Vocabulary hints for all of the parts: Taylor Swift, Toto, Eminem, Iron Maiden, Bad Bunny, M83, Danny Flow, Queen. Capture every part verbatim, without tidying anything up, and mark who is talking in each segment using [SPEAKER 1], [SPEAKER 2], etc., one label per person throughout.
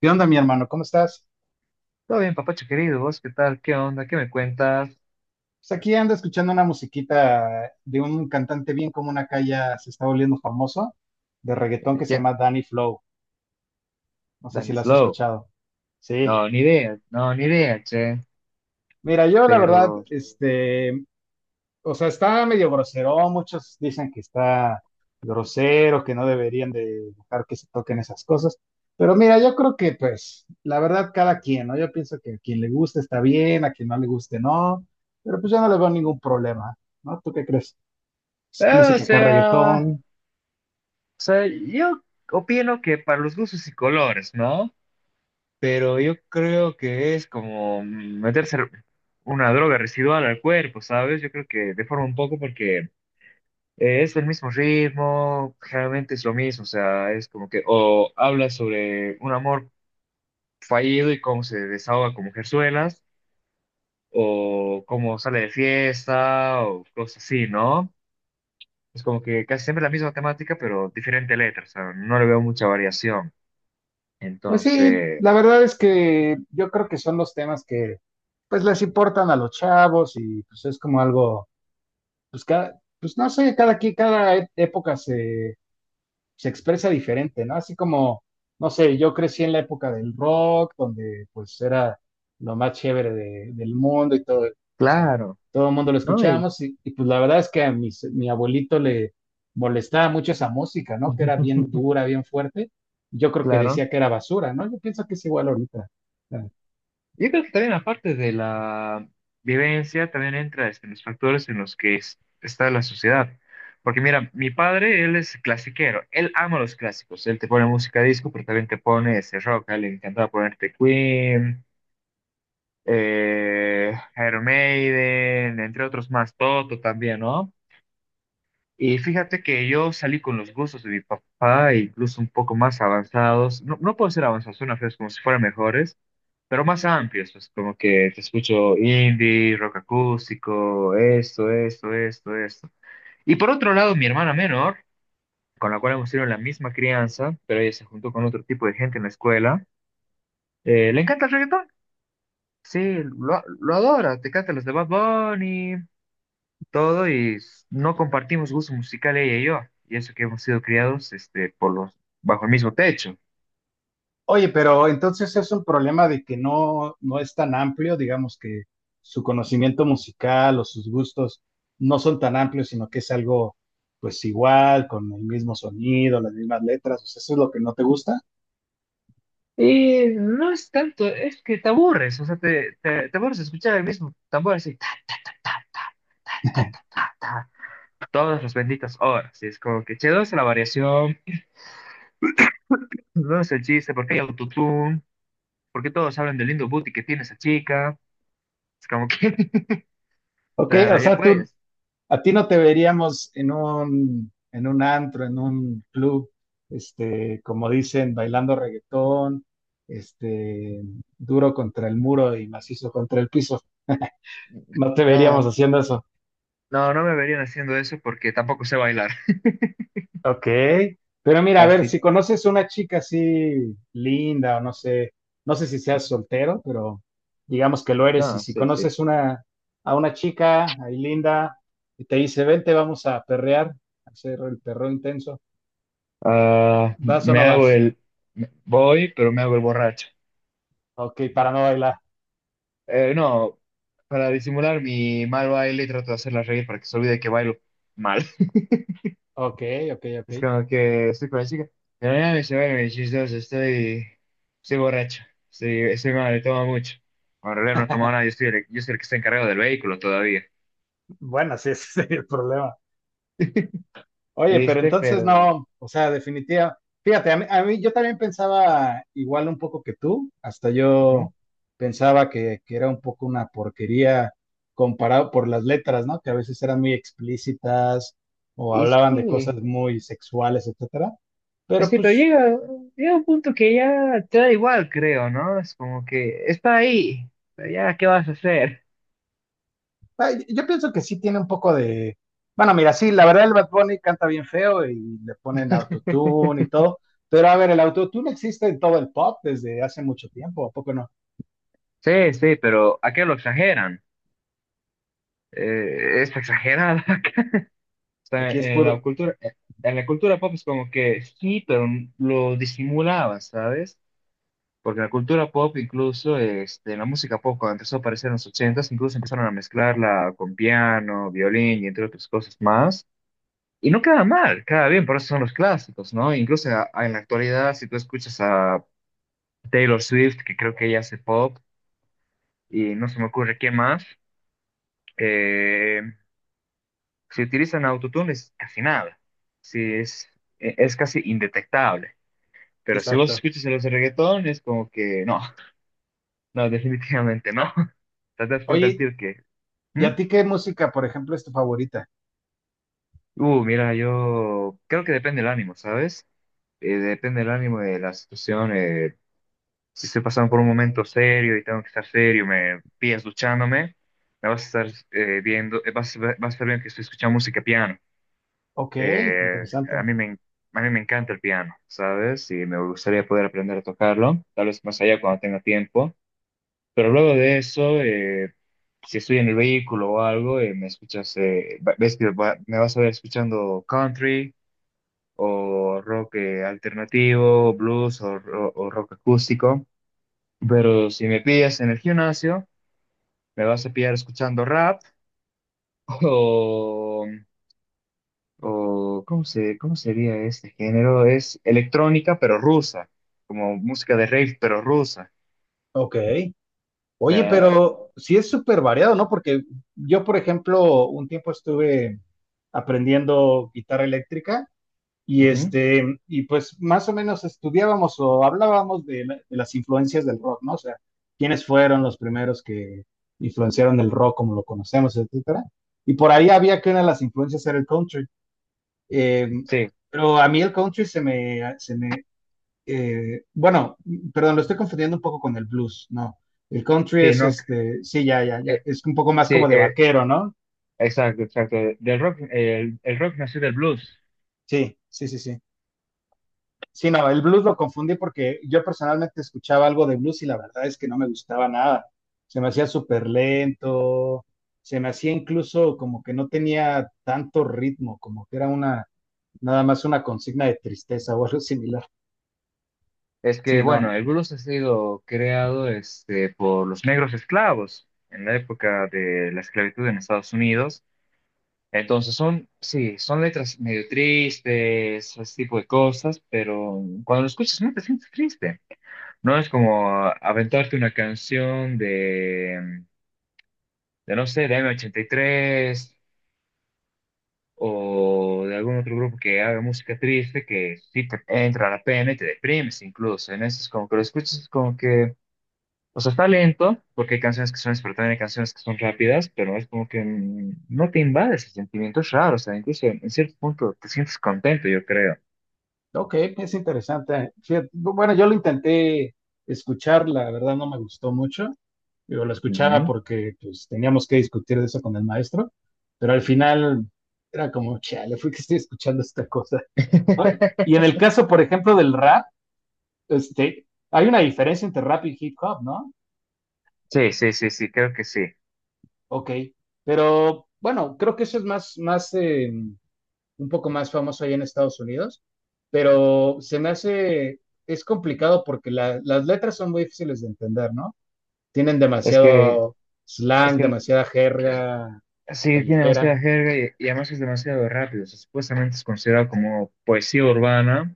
[SPEAKER 1] ¿Qué onda, mi hermano? ¿Cómo estás?
[SPEAKER 2] Todo bien, papacho querido, ¿vos qué tal? ¿Qué onda? ¿Qué me cuentas?
[SPEAKER 1] Pues aquí ando escuchando una musiquita de un cantante bien común acá, ya se está volviendo famoso, de reggaetón,
[SPEAKER 2] Eh,
[SPEAKER 1] que se
[SPEAKER 2] ¿Quién?
[SPEAKER 1] llama Danny Flow. No sé si lo has
[SPEAKER 2] Slow.
[SPEAKER 1] escuchado.
[SPEAKER 2] No,
[SPEAKER 1] Sí.
[SPEAKER 2] ni idea, no, ni idea, che.
[SPEAKER 1] Mira, yo la verdad,
[SPEAKER 2] Pero,
[SPEAKER 1] este, o sea, está medio grosero. Muchos dicen que está grosero, que no deberían de dejar que se toquen esas cosas. Pero mira, yo creo que, pues, la verdad, cada quien, ¿no? Yo pienso que a quien le guste está bien, a quien no le guste no. Pero pues yo no le veo ningún problema, ¿no? ¿Tú qué crees?
[SPEAKER 2] eh, o
[SPEAKER 1] Música acá,
[SPEAKER 2] sea, o
[SPEAKER 1] reggaetón.
[SPEAKER 2] sea, yo opino que para los gustos y colores, ¿no? Pero yo creo que es como meterse una droga residual al cuerpo, ¿sabes? Yo creo que deforma un poco porque eh, es el mismo ritmo, generalmente es lo mismo, o sea, es como que, o habla sobre un amor fallido y cómo se desahoga con mujerzuelas o cómo sale de fiesta, o cosas así, ¿no? Es como que casi siempre la misma temática, pero diferente letra, o sea, no le veo mucha variación.
[SPEAKER 1] Pues sí,
[SPEAKER 2] Entonces,
[SPEAKER 1] la verdad es que yo creo que son los temas que pues les importan a los chavos, y pues es como algo, pues cada, pues no sé, cada aquí, cada e- época se, se expresa diferente, ¿no? Así como, no sé, yo crecí en la época del rock, donde pues era lo más chévere de- del mundo y todo, o sea,
[SPEAKER 2] claro,
[SPEAKER 1] todo el mundo lo
[SPEAKER 2] ¿no? Y-
[SPEAKER 1] escuchábamos y, y, pues la verdad es que a mis- mi abuelito le molestaba mucho esa música, ¿no? Que era bien dura, bien fuerte. Yo creo que
[SPEAKER 2] claro.
[SPEAKER 1] decía que era basura, ¿no? Yo pienso que es igual ahorita.
[SPEAKER 2] Yo creo que también aparte de la vivencia, también entra este, los factores en los que es- está la sociedad. Porque mira, mi padre, él es clasiquero, él ama los clásicos, él te pone música disco, pero también te pone ese rock, a él le encantaba ponerte Queen, eh, Iron Maiden, entre otros más, Toto también, ¿no? Y fíjate que yo salí con los gustos de mi papá, incluso un poco más avanzados, no, no puedo ser avanzados, suena feo, es como si fueran mejores, pero más amplios, pues como que te escucho indie, rock acústico, esto, esto, esto, esto. Y por otro lado, mi hermana menor, con la cual hemos tenido la misma crianza, pero ella se juntó con otro tipo de gente en la escuela, eh, le encanta el reggaetón. Sí, lo, lo adora, te canta los de Bad Bunny, todo y s- no compartimos gusto musical ella y yo, y eso que hemos sido criados este, por los, bajo el mismo techo.
[SPEAKER 1] Oye, pero entonces es un problema de que no, no es tan amplio, digamos que su conocimiento musical o sus gustos no son tan amplios, sino que es algo pues igual, con el mismo sonido, las mismas letras, o sea, eso es lo que no te gusta.
[SPEAKER 2] Y no es tanto, es que te aburres, o sea, te, te, te aburres de escuchar el mismo tambor así, ta, ta, ta, ta, ta, ta, ta, ta, ta, ta, todas las benditas horas, y es como que, che, ¿dónde está la variación? ¿Dónde es el chiste? ¿Por qué hay autotune? ¿Por qué todos hablan del lindo booty que tiene esa chica? Es como que, o
[SPEAKER 1] Ok, o
[SPEAKER 2] sea, ya
[SPEAKER 1] sea, tú,
[SPEAKER 2] pues,
[SPEAKER 1] a ti no te veríamos en un, en un antro, en un club, este, como dicen, bailando reggaetón, este, duro contra el muro y macizo contra el piso. No te veríamos
[SPEAKER 2] no,
[SPEAKER 1] haciendo eso.
[SPEAKER 2] no, no me verían haciendo eso porque tampoco sé bailar,
[SPEAKER 1] Ok, pero mira, a ver,
[SPEAKER 2] así
[SPEAKER 1] si conoces una chica así linda, o no sé, no sé si seas soltero, pero digamos que lo eres, y
[SPEAKER 2] No,
[SPEAKER 1] si
[SPEAKER 2] sí, sí.
[SPEAKER 1] conoces una, a una chica ahí linda y te dice, vente, vamos a perrear, a hacer el perreo intenso,
[SPEAKER 2] Ah,
[SPEAKER 1] ¿vas o
[SPEAKER 2] me
[SPEAKER 1] no
[SPEAKER 2] hago
[SPEAKER 1] vas?
[SPEAKER 2] el... me- Voy, pero me hago el borracho.
[SPEAKER 1] Ok, para no bailar.
[SPEAKER 2] Eh, no, para disimular mi mal baile trato de hacerla reír para que se olvide que bailo mal.
[SPEAKER 1] Ok, ok, ok.
[SPEAKER 2] Es como que estoy con la chica. Pero nada, me ve mis chistoso, estoy... Estoy borracho. Estoy, estoy mal, tomo mucho. Bueno, en realidad no he nada, yo soy el, yo soy el que está encargado del vehículo todavía.
[SPEAKER 1] Bueno, sí, ese sería el problema. Oye, pero
[SPEAKER 2] ¿Viste?
[SPEAKER 1] entonces
[SPEAKER 2] Pero...
[SPEAKER 1] no, o sea, definitiva. Fíjate, a mí, a mí- yo también pensaba igual un poco que tú, hasta
[SPEAKER 2] ujú.
[SPEAKER 1] yo pensaba que, que era un poco una porquería comparado por las letras, ¿no? Que a veces eran muy explícitas o
[SPEAKER 2] Y
[SPEAKER 1] hablaban de
[SPEAKER 2] sí.
[SPEAKER 1] cosas muy sexuales, etcétera.
[SPEAKER 2] Pues
[SPEAKER 1] Pero
[SPEAKER 2] sí, pero
[SPEAKER 1] pues,
[SPEAKER 2] llega, llega un punto que ya te da igual, creo, ¿no? Es como que está ahí, pero ya, ¿qué vas a hacer?
[SPEAKER 1] ay, yo pienso que sí tiene un poco de... Bueno, mira, sí, la verdad el Bad Bunny canta bien feo y le ponen autotune y todo, pero a ver, el autotune existe en todo el pop desde hace mucho tiempo, ¿a poco no?
[SPEAKER 2] Sí, sí, pero ¿a qué lo exageran? Eh, es exagerada. O sea,
[SPEAKER 1] Aquí es
[SPEAKER 2] en la
[SPEAKER 1] puro,
[SPEAKER 2] cultura, eh, en la cultura pop es como que sí, pero lo disimulaba, ¿sabes? Porque la cultura pop, incluso este, la música pop, cuando empezó a aparecer en los ochentas, incluso empezaron a mezclarla con piano, violín y entre otras cosas más. Y no queda mal, queda bien, por eso son los clásicos, ¿no? Incluso a- a- en la actualidad, si tú escuchas a Taylor Swift, que creo que ella hace pop, y no se me ocurre quién más, eh, si utilizan autotune es casi nada, si es, e- es casi indetectable. Pero si vos
[SPEAKER 1] exacto.
[SPEAKER 2] escuchas a los de reggaetón, es como que no, no, definitivamente no. Te das cuenta el
[SPEAKER 1] Oye,
[SPEAKER 2] tío que...
[SPEAKER 1] ¿y a
[SPEAKER 2] ¿hmm?
[SPEAKER 1] ti qué música, por ejemplo, es tu favorita?
[SPEAKER 2] Uh, mira, yo creo que depende el ánimo, ¿sabes? Eh, depende el ánimo de la situación. Eh, si estoy pasando por un momento serio y tengo que estar serio, me pillas duchándome, me vas a estar eh, viendo, eh, vas, a ver- vas a estar viendo que estoy escuchando música piano.
[SPEAKER 1] Ok,
[SPEAKER 2] Eh,
[SPEAKER 1] interesante.
[SPEAKER 2] a mí me, en- a mí me encanta el piano, ¿sabes? Y me gustaría poder aprender a tocarlo, tal vez más allá cuando tenga tiempo. Pero luego de eso, eh, si estoy en el vehículo o algo, eh, me escuchas, eh, va- ves que va- me vas a ver escuchando country o rock eh, alternativo, blues o, o o rock acústico. Pero si me pillas en el gimnasio, me vas a pillar escuchando rap o, o ¿cómo se, cómo sería este género? Es electrónica pero rusa, como música de rave pero rusa.
[SPEAKER 1] Ok.
[SPEAKER 2] O
[SPEAKER 1] Oye,
[SPEAKER 2] sea,
[SPEAKER 1] pero sí es súper variado, ¿no? Porque yo, por ejemplo, un tiempo estuve aprendiendo guitarra eléctrica y
[SPEAKER 2] ujú.
[SPEAKER 1] este, y pues más o menos estudiábamos o hablábamos de, la- de las influencias del rock, ¿no? O sea, quiénes fueron los primeros que influenciaron el rock como lo conocemos, etcétera. Y por ahí había que una de las influencias era el country. Eh,
[SPEAKER 2] Sí,
[SPEAKER 1] pero a mí el country se me, se me eh, bueno, perdón, lo estoy confundiendo un poco con el blues, ¿no? El country
[SPEAKER 2] sí,
[SPEAKER 1] es
[SPEAKER 2] no,
[SPEAKER 1] este, sí, ya, ya, ya,
[SPEAKER 2] eh,
[SPEAKER 1] es un poco más
[SPEAKER 2] sí,
[SPEAKER 1] como de
[SPEAKER 2] eh,
[SPEAKER 1] vaquero, ¿no?
[SPEAKER 2] exacto, exacto. Del rock, el, el rock nació del blues.
[SPEAKER 1] Sí, sí, sí, sí. Sí, no, el blues lo confundí porque yo personalmente escuchaba algo de blues y la verdad es que no me gustaba nada. Se me hacía súper lento, se me hacía incluso como que no tenía tanto ritmo, como que era una, nada más una consigna de tristeza o algo similar.
[SPEAKER 2] Es que,
[SPEAKER 1] Sí, no.
[SPEAKER 2] bueno, el blues ha sido creado este, por los negros esclavos en la época de la esclavitud en Estados Unidos. Entonces son, sí, son letras medio tristes, ese tipo de cosas, pero cuando lo escuchas no te sientes triste. No es como ah, aventarte una canción de, de no sé, de M ochenta y tres o de algún otro grupo que haga música triste que sí te entra la pena y te deprimes incluso. En eso es como que lo escuchas es como que o sea, está lento, porque hay canciones que son lentas, pero también hay canciones que son rápidas, pero es como que mm, no te invade ese sentimiento, es raro, o sea, incluso en cierto punto te sientes contento, yo creo.
[SPEAKER 1] Ok, es interesante. Fíjate, bueno, yo lo intenté escuchar, la verdad no me gustó mucho. Yo lo escuchaba
[SPEAKER 2] Ujú.
[SPEAKER 1] porque pues, teníamos que discutir de eso con el maestro, pero al final era como, chale, fui que estoy escuchando esta cosa. Ay, y en el caso, por ejemplo, del rap, este, hay una diferencia entre rap y hip hop, ¿no?
[SPEAKER 2] Sí, sí, sí, sí, creo que sí.
[SPEAKER 1] Ok, pero bueno, creo que eso es más, más, eh, un poco más famoso ahí en Estados Unidos, pero se me hace, es complicado porque la- las letras son muy difíciles de entender, ¿no? Tienen
[SPEAKER 2] Es que,
[SPEAKER 1] demasiado
[SPEAKER 2] es
[SPEAKER 1] slang,
[SPEAKER 2] que
[SPEAKER 1] demasiada jerga
[SPEAKER 2] sí, tiene
[SPEAKER 1] callejera.
[SPEAKER 2] demasiada jerga y, y además es demasiado rápido. O sea, supuestamente es considerado como poesía urbana,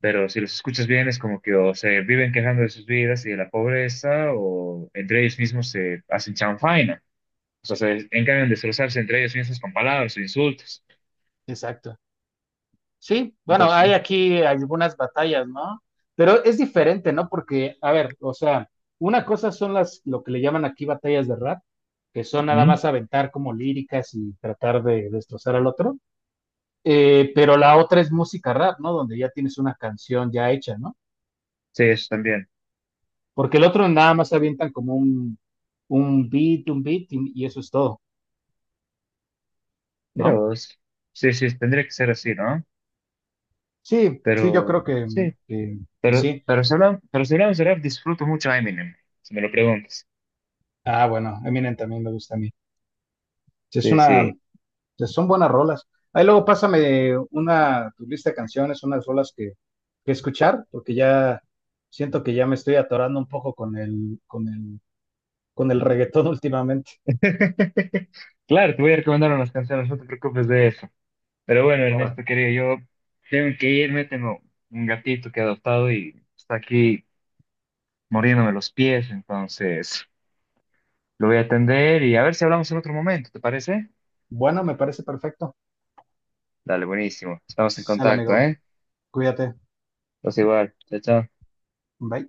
[SPEAKER 2] pero si los escuchas bien es como que o se viven quejando de sus vidas y de la pobreza, o entre ellos mismos se hacen chanfaina. O sea, se encargan de destrozarse entre ellos mismos con palabras o insultos.
[SPEAKER 1] Exacto. Sí, bueno, hay
[SPEAKER 2] Entonces,
[SPEAKER 1] aquí algunas batallas, ¿no? Pero es diferente, ¿no? Porque, a ver, o sea, una cosa son las, lo que le llaman aquí batallas de rap, que son nada
[SPEAKER 2] ujú,
[SPEAKER 1] más aventar como líricas y tratar de destrozar al otro. Eh, pero la otra es música rap, ¿no? Donde ya tienes una canción ya hecha, ¿no?
[SPEAKER 2] sí, eso también.
[SPEAKER 1] Porque el otro nada más avientan como un, un beat, un beat y, y eso es todo,
[SPEAKER 2] Mira
[SPEAKER 1] ¿no?
[SPEAKER 2] vos. Sí, sí, tendría que ser así, ¿no?
[SPEAKER 1] Sí, sí, yo
[SPEAKER 2] Pero,
[SPEAKER 1] creo que,
[SPEAKER 2] sí.
[SPEAKER 1] que, que
[SPEAKER 2] Pero,
[SPEAKER 1] sí.
[SPEAKER 2] pero, si hablamos, pero si hablamos de rap, disfruto mucho a Eminem, si me lo preguntas.
[SPEAKER 1] Ah, bueno, Eminem también me gusta a mí. Sí, es
[SPEAKER 2] Sí,
[SPEAKER 1] una,
[SPEAKER 2] sí.
[SPEAKER 1] sí, son buenas rolas. Ahí luego pásame una, tu lista de canciones, unas rolas que, que escuchar, porque ya siento que ya me estoy atorando un poco con el, con el, con el reggaetón últimamente.
[SPEAKER 2] Claro, te voy a recomendar unas canciones, no te preocupes de eso. Pero bueno,
[SPEAKER 1] Ahora,
[SPEAKER 2] Ernesto, querido, yo tengo que irme, tengo un gatito que he adoptado y está aquí muriéndome los pies, entonces lo voy a atender y a ver si hablamos en otro momento, ¿te parece?
[SPEAKER 1] bueno, me parece perfecto.
[SPEAKER 2] Dale, buenísimo. Estamos en
[SPEAKER 1] Sale,
[SPEAKER 2] contacto,
[SPEAKER 1] amigo.
[SPEAKER 2] ¿eh?
[SPEAKER 1] Cuídate.
[SPEAKER 2] Pues igual. Chao, chao.
[SPEAKER 1] Bye.